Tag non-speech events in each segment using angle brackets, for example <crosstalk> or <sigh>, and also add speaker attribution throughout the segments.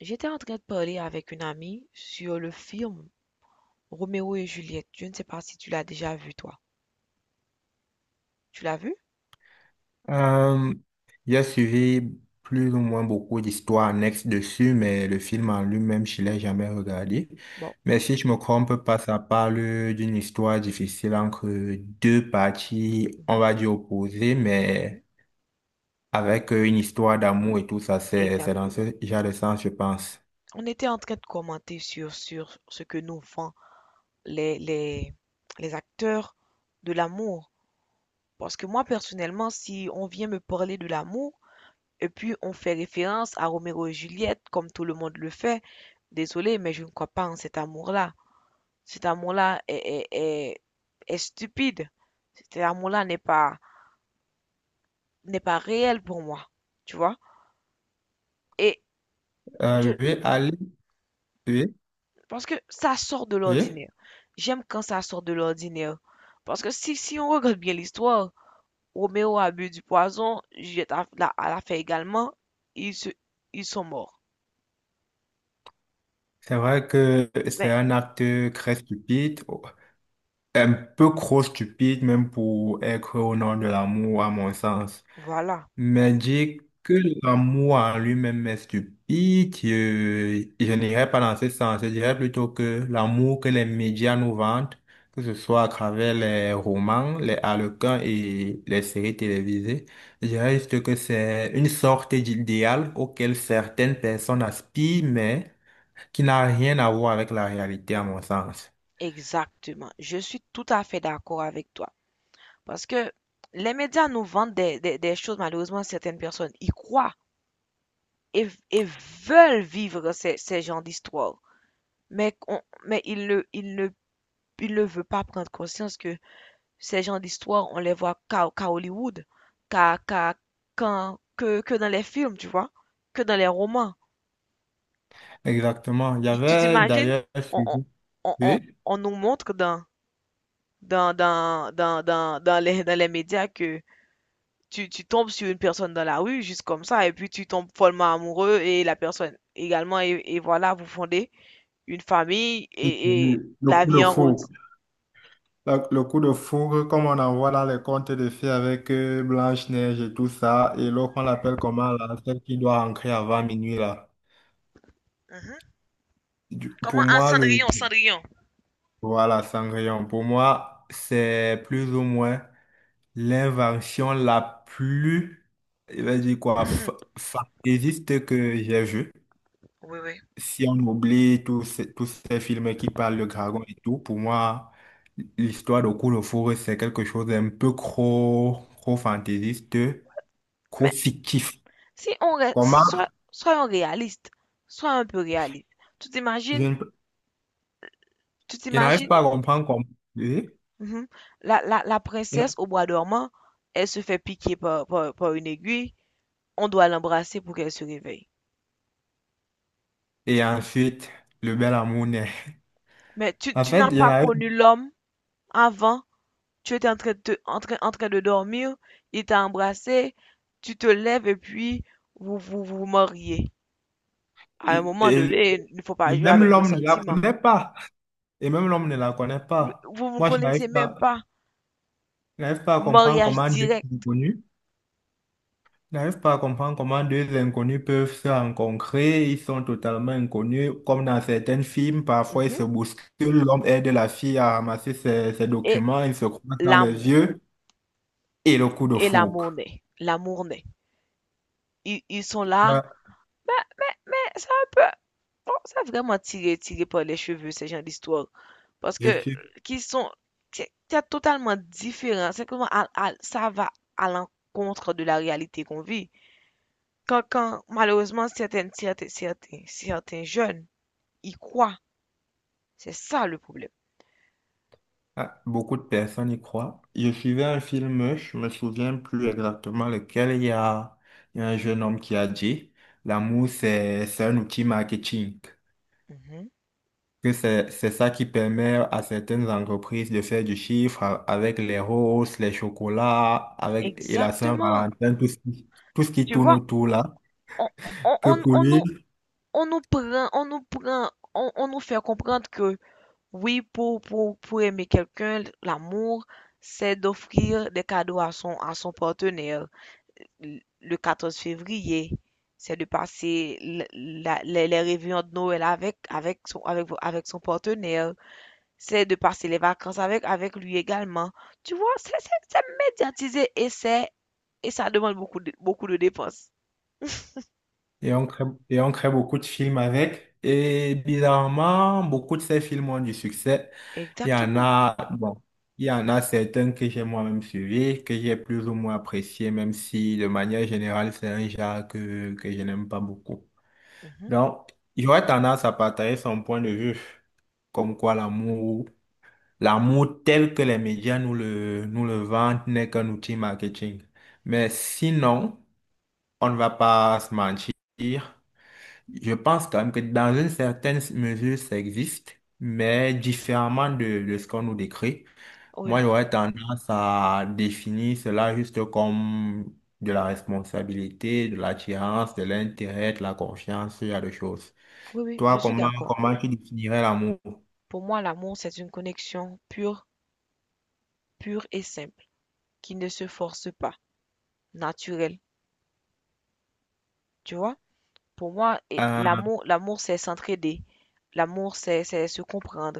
Speaker 1: J'étais en train de parler avec une amie sur le film Roméo et Juliette. Je ne sais pas si tu l'as déjà vu, toi. Tu l'as vu?
Speaker 2: Euh, j'ai suivi plus ou moins beaucoup d'histoires annexes dessus, mais le film en lui-même, je ne l'ai jamais regardé.
Speaker 1: Bon.
Speaker 2: Mais si je me trompe pas, ça parle d'une histoire difficile entre deux parties, on
Speaker 1: Mhm,
Speaker 2: va dire opposées,
Speaker 1: mhm.
Speaker 2: mais avec une histoire d'amour et tout ça, c'est dans
Speaker 1: Exactement.
Speaker 2: ce genre de sens, je pense.
Speaker 1: On était en train de commenter sur ce que nous font les, les, les acteurs de l'amour. Parce que moi, personnellement, si on vient me parler de l'amour, et puis on fait référence à Roméo et Juliette, comme tout le monde le fait, désolé, mais je ne crois pas en cet amour-là. Cet amour-là est stupide. Cet amour-là n'est pas réel pour moi. Tu vois? Et
Speaker 2: Euh,
Speaker 1: je,
Speaker 2: oui, Ali, oui,
Speaker 1: parce que ça sort de
Speaker 2: oui.
Speaker 1: l'ordinaire. J'aime quand ça sort de l'ordinaire. Parce que si on regarde bien l'histoire, Roméo a bu du poison, Juliette l'a fait également, ils, se, ils sont morts.
Speaker 2: C'est vrai que c'est
Speaker 1: Mais
Speaker 2: un acte très stupide, un peu trop stupide même pour être au nom de l'amour, à mon sens.
Speaker 1: voilà,
Speaker 2: Mais dire que l'amour en lui-même est stupide, je n'irais pas dans ce sens. Je dirais plutôt que l'amour que les médias nous vendent, que ce soit à travers les romans, les harlequins et les séries télévisées, je dirais juste que c'est une sorte d'idéal auquel certaines personnes aspirent, mais qui n'a rien à voir avec la réalité, à mon sens.
Speaker 1: exactement. Je suis tout à fait d'accord avec toi. Parce que les médias nous vendent des choses. Malheureusement, certaines personnes y croient, et veulent vivre ces genres d'histoires. Mais ils ne veulent pas prendre conscience que ces genres d'histoires, on les voit qu'à Hollywood, qu'à, qu'à- que dans les films, tu vois, que dans les romans.
Speaker 2: Exactement.
Speaker 1: Tu
Speaker 2: J'avais
Speaker 1: t'imagines?
Speaker 2: d'ailleurs
Speaker 1: On, on,
Speaker 2: suivi.
Speaker 1: on, on-
Speaker 2: Oui?
Speaker 1: on nous montre dans les médias que tu tombes sur une personne dans la rue, juste comme ça, et puis tu tombes follement amoureux et la personne également, et voilà, vous fondez une famille et
Speaker 2: Le
Speaker 1: la
Speaker 2: coup de
Speaker 1: vie en
Speaker 2: fou.
Speaker 1: rose.
Speaker 2: Le coup de foudre, comme on en voit dans les contes de fées avec Blanche-Neige et tout ça, et l'autre, on l'appelle comment, là, celle qui doit rentrer avant minuit, là.
Speaker 1: Mhm.
Speaker 2: Du-
Speaker 1: Comment
Speaker 2: pour
Speaker 1: un
Speaker 2: moi, le,
Speaker 1: Cendrillon, Cendrillon.
Speaker 2: voilà, Cendrillon, pour moi, c'est plus ou moins l'invention la plus, je vais dire quoi, fantaisiste que j'ai vue.
Speaker 1: Oui, oui.
Speaker 2: Si on oublie tous ces films qui parlent de dragons et tout, pour moi, l'histoire de coup de foudre, c'est quelque chose d'un peu trop, trop fantaisiste. Trop
Speaker 1: Mais
Speaker 2: fictif.
Speaker 1: Si on reste, si-
Speaker 2: Comment?
Speaker 1: soit, soyons réalistes, sois un peu réaliste. Tu
Speaker 2: Je
Speaker 1: t'imagines,
Speaker 2: ne
Speaker 1: tu
Speaker 2: je n'arrive
Speaker 1: t'imagines,
Speaker 2: pas à comprendre comment. Et
Speaker 1: mhm, la princesse au bois dormant, elle se fait piquer par une aiguille, on doit l'embrasser pour qu'elle se réveille.
Speaker 2: et ensuite, le bel amour naît.
Speaker 1: Mais
Speaker 2: En
Speaker 1: tu
Speaker 2: fait,
Speaker 1: n'as
Speaker 2: je
Speaker 1: pas
Speaker 2: n'arrive.
Speaker 1: connu l'homme avant, tu étais en train en train de dormir, il t'a embrassé, tu te lèves et puis vous vous mariez. À un
Speaker 2: Et,
Speaker 1: moment donné, il ne faut pas
Speaker 2: et
Speaker 1: jouer
Speaker 2: même
Speaker 1: avec nos
Speaker 2: l'homme ne la
Speaker 1: sentiments.
Speaker 2: connaît pas. Et même l'homme ne la connaît
Speaker 1: Oui,
Speaker 2: pas.
Speaker 1: vous vous ne
Speaker 2: Moi, je
Speaker 1: connaissez
Speaker 2: n'arrive
Speaker 1: même
Speaker 2: pas,
Speaker 1: pas.
Speaker 2: je n'arrive pas à comprendre
Speaker 1: Mariage
Speaker 2: comment deux
Speaker 1: direct.
Speaker 2: inconnus, je n'arrive pas à comprendre comment deux inconnus peuvent se rencontrer. Ils sont totalement inconnus. Comme dans certains films, parfois ils se
Speaker 1: Mhm.
Speaker 2: bousculent. L'homme aide la fille à ramasser ses
Speaker 1: Et
Speaker 2: documents. Ils se croisent dans les
Speaker 1: l'amour.
Speaker 2: yeux. Et le coup de
Speaker 1: Et l'amour
Speaker 2: foudre.
Speaker 1: naît. L'amour naît. Ils sont là.
Speaker 2: Ah,
Speaker 1: Mais, mais ça peut... Bon, ça a vraiment tiré, tiré par les cheveux, ces gens d'histoire. Parce
Speaker 2: je
Speaker 1: que,
Speaker 2: suis...
Speaker 1: qu'ils sont... C'est totalement différent. C'est comment ça va à l'encontre de la réalité qu'on vit. Quand malheureusement, certains jeunes y croient, c'est ça le problème.
Speaker 2: beaucoup de personnes y croient. Je suivais un film, je me souviens plus exactement lequel. Il y a un jeune homme qui a dit, l'amour, c'est un outil marketing.
Speaker 1: Mhm.
Speaker 2: Que c'est ça qui permet à certaines entreprises de faire du chiffre avec les roses, les chocolats, avec et la
Speaker 1: Exactement.
Speaker 2: Saint-Valentin, tout ce qui
Speaker 1: Tu
Speaker 2: tourne
Speaker 1: vois,
Speaker 2: autour là.
Speaker 1: on, on,
Speaker 2: Que
Speaker 1: on,
Speaker 2: pour
Speaker 1: on
Speaker 2: lui,
Speaker 1: nous, on nous prend, on nous fait comprendre que oui, pour aimer quelqu'un, l'amour, c'est d'offrir des cadeaux à son partenaire. Le 14 février, c'est de passer les réveillons de Noël avec, avec son, avec son partenaire. C'est de passer les vacances avec, avec lui également. Tu vois, c'est médiatisé et et ça demande beaucoup de dépenses.
Speaker 2: Et on crée, et on crée beaucoup de films avec. Et bizarrement, beaucoup de ces films ont du succès. Il y en
Speaker 1: Exactement.
Speaker 2: a, bon, il y en a certains que j'ai moi-même suivis, que j'ai plus ou moins appréciés, même si de manière générale, c'est un genre que je n'aime pas beaucoup.
Speaker 1: Mhm.
Speaker 2: Donc, j'aurais tendance à partager son point de vue, comme quoi l'amour, l'amour tel que les médias nous le vendent n'est qu'un outil marketing. Mais sinon, on ne va pas se mentir. Je pense quand même que dans une certaine mesure, ça existe, mais différemment de ce qu'on nous décrit.
Speaker 1: Oui,
Speaker 2: Moi,
Speaker 1: oui,
Speaker 2: j'aurais tendance à définir cela juste comme de la responsabilité, de l'attirance, de l'intérêt, de la confiance, ce genre de choses.
Speaker 1: oui, je
Speaker 2: Toi,
Speaker 1: suis
Speaker 2: comment,
Speaker 1: d'accord.
Speaker 2: comment tu définirais l'amour?
Speaker 1: Pour moi, l'amour, c'est une connexion pure, pure et simple, qui ne se force pas, naturelle. Tu vois? Pour moi,
Speaker 2: Euh,
Speaker 1: l'amour, c'est s'entraider. L'amour, c'est se comprendre.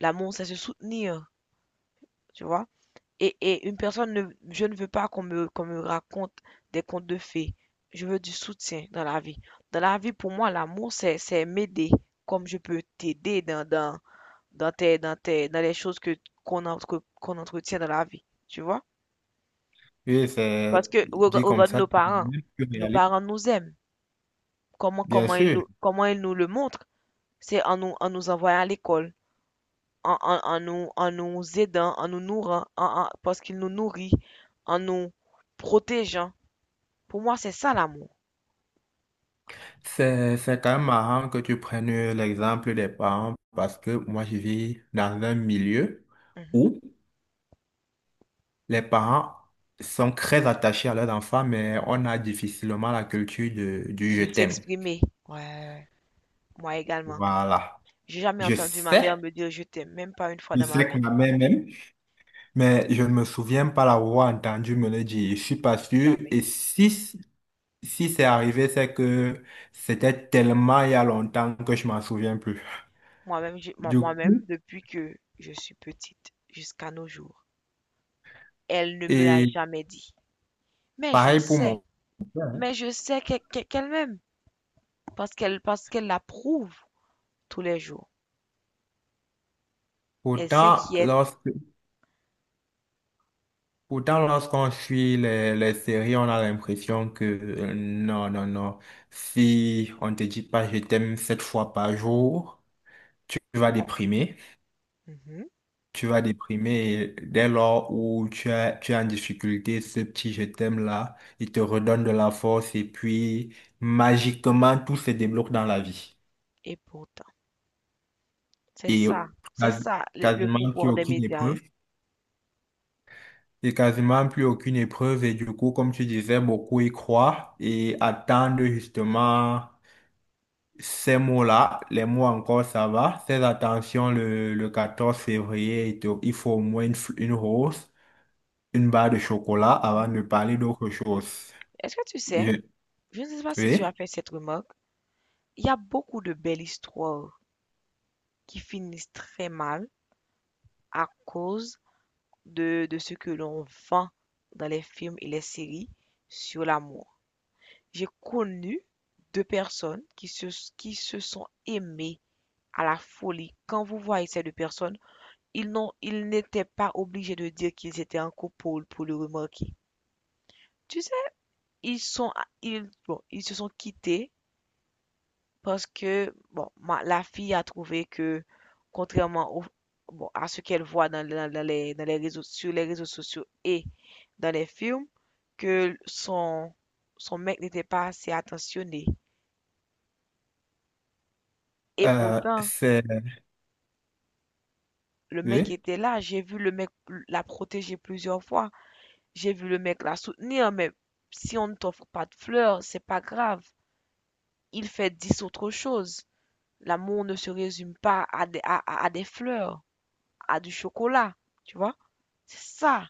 Speaker 1: L'amour, c'est se soutenir. Tu vois? Et une personne ne, je ne veux pas qu'on me raconte des contes de fées. Je veux du soutien dans la vie. Dans la vie, pour moi, l'amour, c'est m'aider, comme je peux t'aider dans les choses que qu'on entretient dans la vie, tu vois?
Speaker 2: oui, c'est
Speaker 1: Parce que
Speaker 2: dit comme
Speaker 1: regarde
Speaker 2: ça, c'est mieux, plus
Speaker 1: nos
Speaker 2: réaliste.
Speaker 1: parents nous aiment.
Speaker 2: Bien sûr.
Speaker 1: Comment ils nous le montrent? C'est en nous envoyant à l'école, en nous aidant, en nous nourrant, parce qu'ils nous nourrissent, en nous protégeant. Pour moi, c'est ça l'amour.
Speaker 2: C'est quand même marrant que tu prennes l'exemple des parents parce que moi, je vis dans un milieu
Speaker 1: Mhm.
Speaker 2: où les parents sont très attachés à leurs enfants, mais on a difficilement la culture du je
Speaker 1: De
Speaker 2: t'aime.
Speaker 1: s'exprimer. Ouais, ouais, ouais. Moi également.
Speaker 2: Voilà.
Speaker 1: J'ai jamais
Speaker 2: Je
Speaker 1: entendu ma mère
Speaker 2: sais,
Speaker 1: me dire je t'aime, même pas une fois
Speaker 2: je
Speaker 1: dans ma
Speaker 2: sais
Speaker 1: vie.
Speaker 2: qu'on a même, même, mais je ne me souviens pas l'avoir entendu me le dire. Je suis pas sûr.
Speaker 1: Jamais.
Speaker 2: Et si c'est arrivé, c'est que c'était tellement il y a longtemps que je m'en souviens plus.
Speaker 1: Moi-même,
Speaker 2: Du coup,
Speaker 1: moi-même, depuis que je suis petite jusqu'à nos jours, elle ne me l'a
Speaker 2: et
Speaker 1: jamais dit. Mais je
Speaker 2: pareil pour
Speaker 1: sais,
Speaker 2: mon père.
Speaker 1: mais je sais qu'elle m'aime, parce qu'elle l'approuve tous les jours. Elle
Speaker 2: Pourtant,
Speaker 1: s'inquiète.
Speaker 2: lorsque, pourtant, lorsqu'on suit les séries, on a l'impression que non, non, non. Si on te dit pas je t'aime sept fois par jour, tu vas
Speaker 1: Oh,
Speaker 2: déprimer.
Speaker 1: mhm.
Speaker 2: Tu vas déprimer et dès lors où tu as, tu es en difficulté, ce petit je t'aime là, il te redonne de la force et puis magiquement tout se débloque dans la vie.
Speaker 1: Et pourtant,
Speaker 2: Et
Speaker 1: c'est
Speaker 2: quasi-
Speaker 1: ça le
Speaker 2: quasiment plus
Speaker 1: pouvoir des
Speaker 2: aucune
Speaker 1: médias, hein.
Speaker 2: épreuve. Et quasiment plus aucune épreuve. Et du coup, comme tu disais, beaucoup y croient et attendent justement ces mots-là. Les mots encore, ça va. Ces attentions, le 14 février, il faut au moins une rose, une barre de chocolat avant
Speaker 1: Mhm.
Speaker 2: de parler d'autre chose.
Speaker 1: Est-ce que tu sais?
Speaker 2: Je-
Speaker 1: Je ne sais pas si tu as
Speaker 2: Oui.
Speaker 1: fait cette remarque. Il y a beaucoup de belles histoires qui finissent très mal à cause de ce que l'on vend dans les films et les séries sur l'amour. J'ai connu deux personnes qui se sont aimées à la folie. Quand vous voyez ces deux personnes, ils n'étaient pas obligés de dire qu'ils étaient en couple pour le remarquer. Tu sais, ils sont, ils, bon, ils se sont quittés parce que bon, la fille a trouvé que, contrairement au- bon, à ce qu'elle voit dans les réseaux, sur les réseaux sociaux et dans les films, que son, son mec n'était pas assez attentionné. Et
Speaker 2: Euh,
Speaker 1: pourtant,
Speaker 2: c'est,
Speaker 1: le mec
Speaker 2: oui.
Speaker 1: était là, j'ai vu le mec la protéger plusieurs fois, j'ai vu le mec la soutenir, mais si on ne t'offre pas de fleurs, c'est pas grave. Il fait dix autres choses. L'amour ne se résume pas à des fleurs, à du chocolat, tu vois. C'est ça.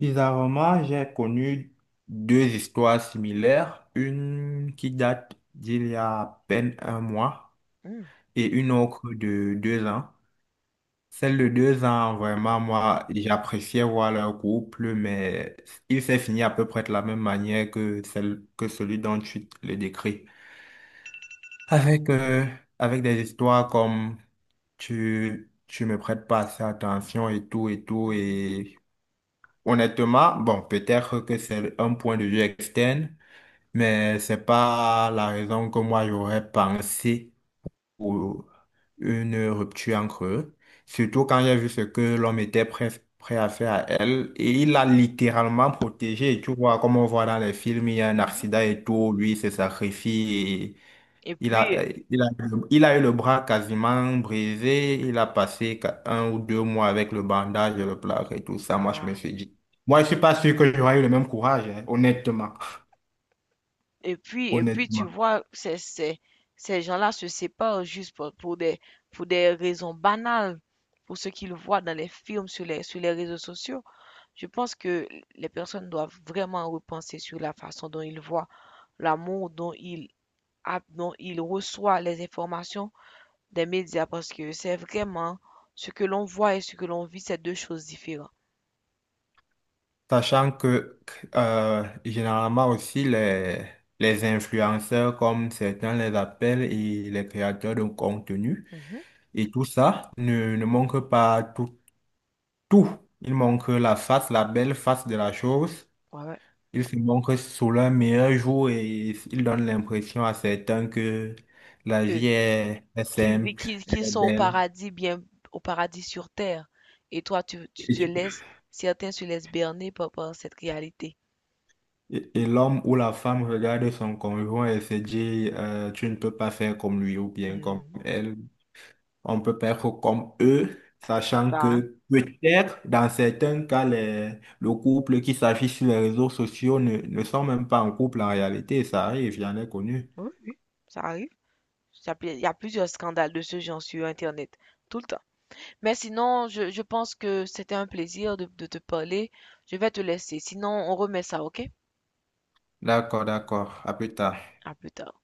Speaker 2: Bizarrement, j'ai connu deux histoires similaires. Une qui date d'il y a à peine un mois
Speaker 1: Mmh.
Speaker 2: et une autre de 2 ans. Celle de 2 ans, vraiment, moi, j'appréciais voir leur couple, mais il s'est fini à peu près de la même manière que celle, que celui dont tu le décris. Avec, avec des histoires comme tu me prêtes pas assez attention et tout et
Speaker 1: Mmh
Speaker 2: tout.
Speaker 1: mh.
Speaker 2: Et honnêtement, bon, peut-être que c'est un point de vue externe, mais c'est pas la raison que moi j'aurais pensé ou une rupture entre eux, surtout quand j'ai vu ce que l'homme était prêt, prêt à faire à elle, et il l'a littéralement protégée, tu vois, comme on voit dans les films, il y a un
Speaker 1: Mmh.
Speaker 2: accident et tout, lui il se sacrifie, et
Speaker 1: Et
Speaker 2: il a,
Speaker 1: puis
Speaker 2: il a, il a eu le bras quasiment brisé, il a passé 1 ou 2 mois avec le bandage et le plâtre et tout ça, moi je me
Speaker 1: ah,
Speaker 2: suis dit, moi je suis pas sûr que j'aurais eu le même courage, hein, honnêtement, <laughs>
Speaker 1: et puis tu
Speaker 2: honnêtement.
Speaker 1: vois ces ces gens-là se séparent juste pour des raisons banales, pour ce qu'ils voient dans les films, sur les réseaux sociaux. Je pense que les personnes doivent vraiment repenser sur la façon dont ils voient l'amour, dont ils reçoivent les informations des médias parce que c'est vraiment ce que l'on voit et ce que l'on vit, c'est 2 choses différentes.
Speaker 2: Sachant que généralement aussi les influenceurs, comme certains les appellent, et les créateurs de contenu,
Speaker 1: Mmh.
Speaker 2: et tout ça ne manque pas tout, tout. Il manque la face, la belle face de la chose.
Speaker 1: Ouais,
Speaker 2: Il se manque sous leur meilleur jour et il donne l'impression à certains que la vie
Speaker 1: ouais.
Speaker 2: est simple, elle
Speaker 1: Qu'ils
Speaker 2: est
Speaker 1: sont au
Speaker 2: belle.
Speaker 1: paradis, bien au paradis sur terre. Et toi, tu
Speaker 2: Et,
Speaker 1: te
Speaker 2: tu-
Speaker 1: laisses, certains se laissent berner par cette réalité.
Speaker 2: et l'homme ou la femme regarde son conjoint et se dit, tu ne peux pas faire comme lui ou bien comme
Speaker 1: Mhm.
Speaker 2: elle. On peut perdre comme eux,
Speaker 1: C'est
Speaker 2: sachant
Speaker 1: ça, hein?
Speaker 2: que peut-être dans certains cas, le couple qui s'affiche sur les réseaux sociaux ne sont même pas en couple en réalité. Ça arrive, j'en ai connu.
Speaker 1: Oui, oui, ça arrive. Ça peut- Il y a plusieurs scandales de ce genre sur Internet, tout le temps. Mais sinon, je pense que c'était un plaisir de te parler. Je vais te laisser. Sinon, on remet ça, ok?
Speaker 2: D'accord, d'accord. À plus tard.
Speaker 1: À plus tard.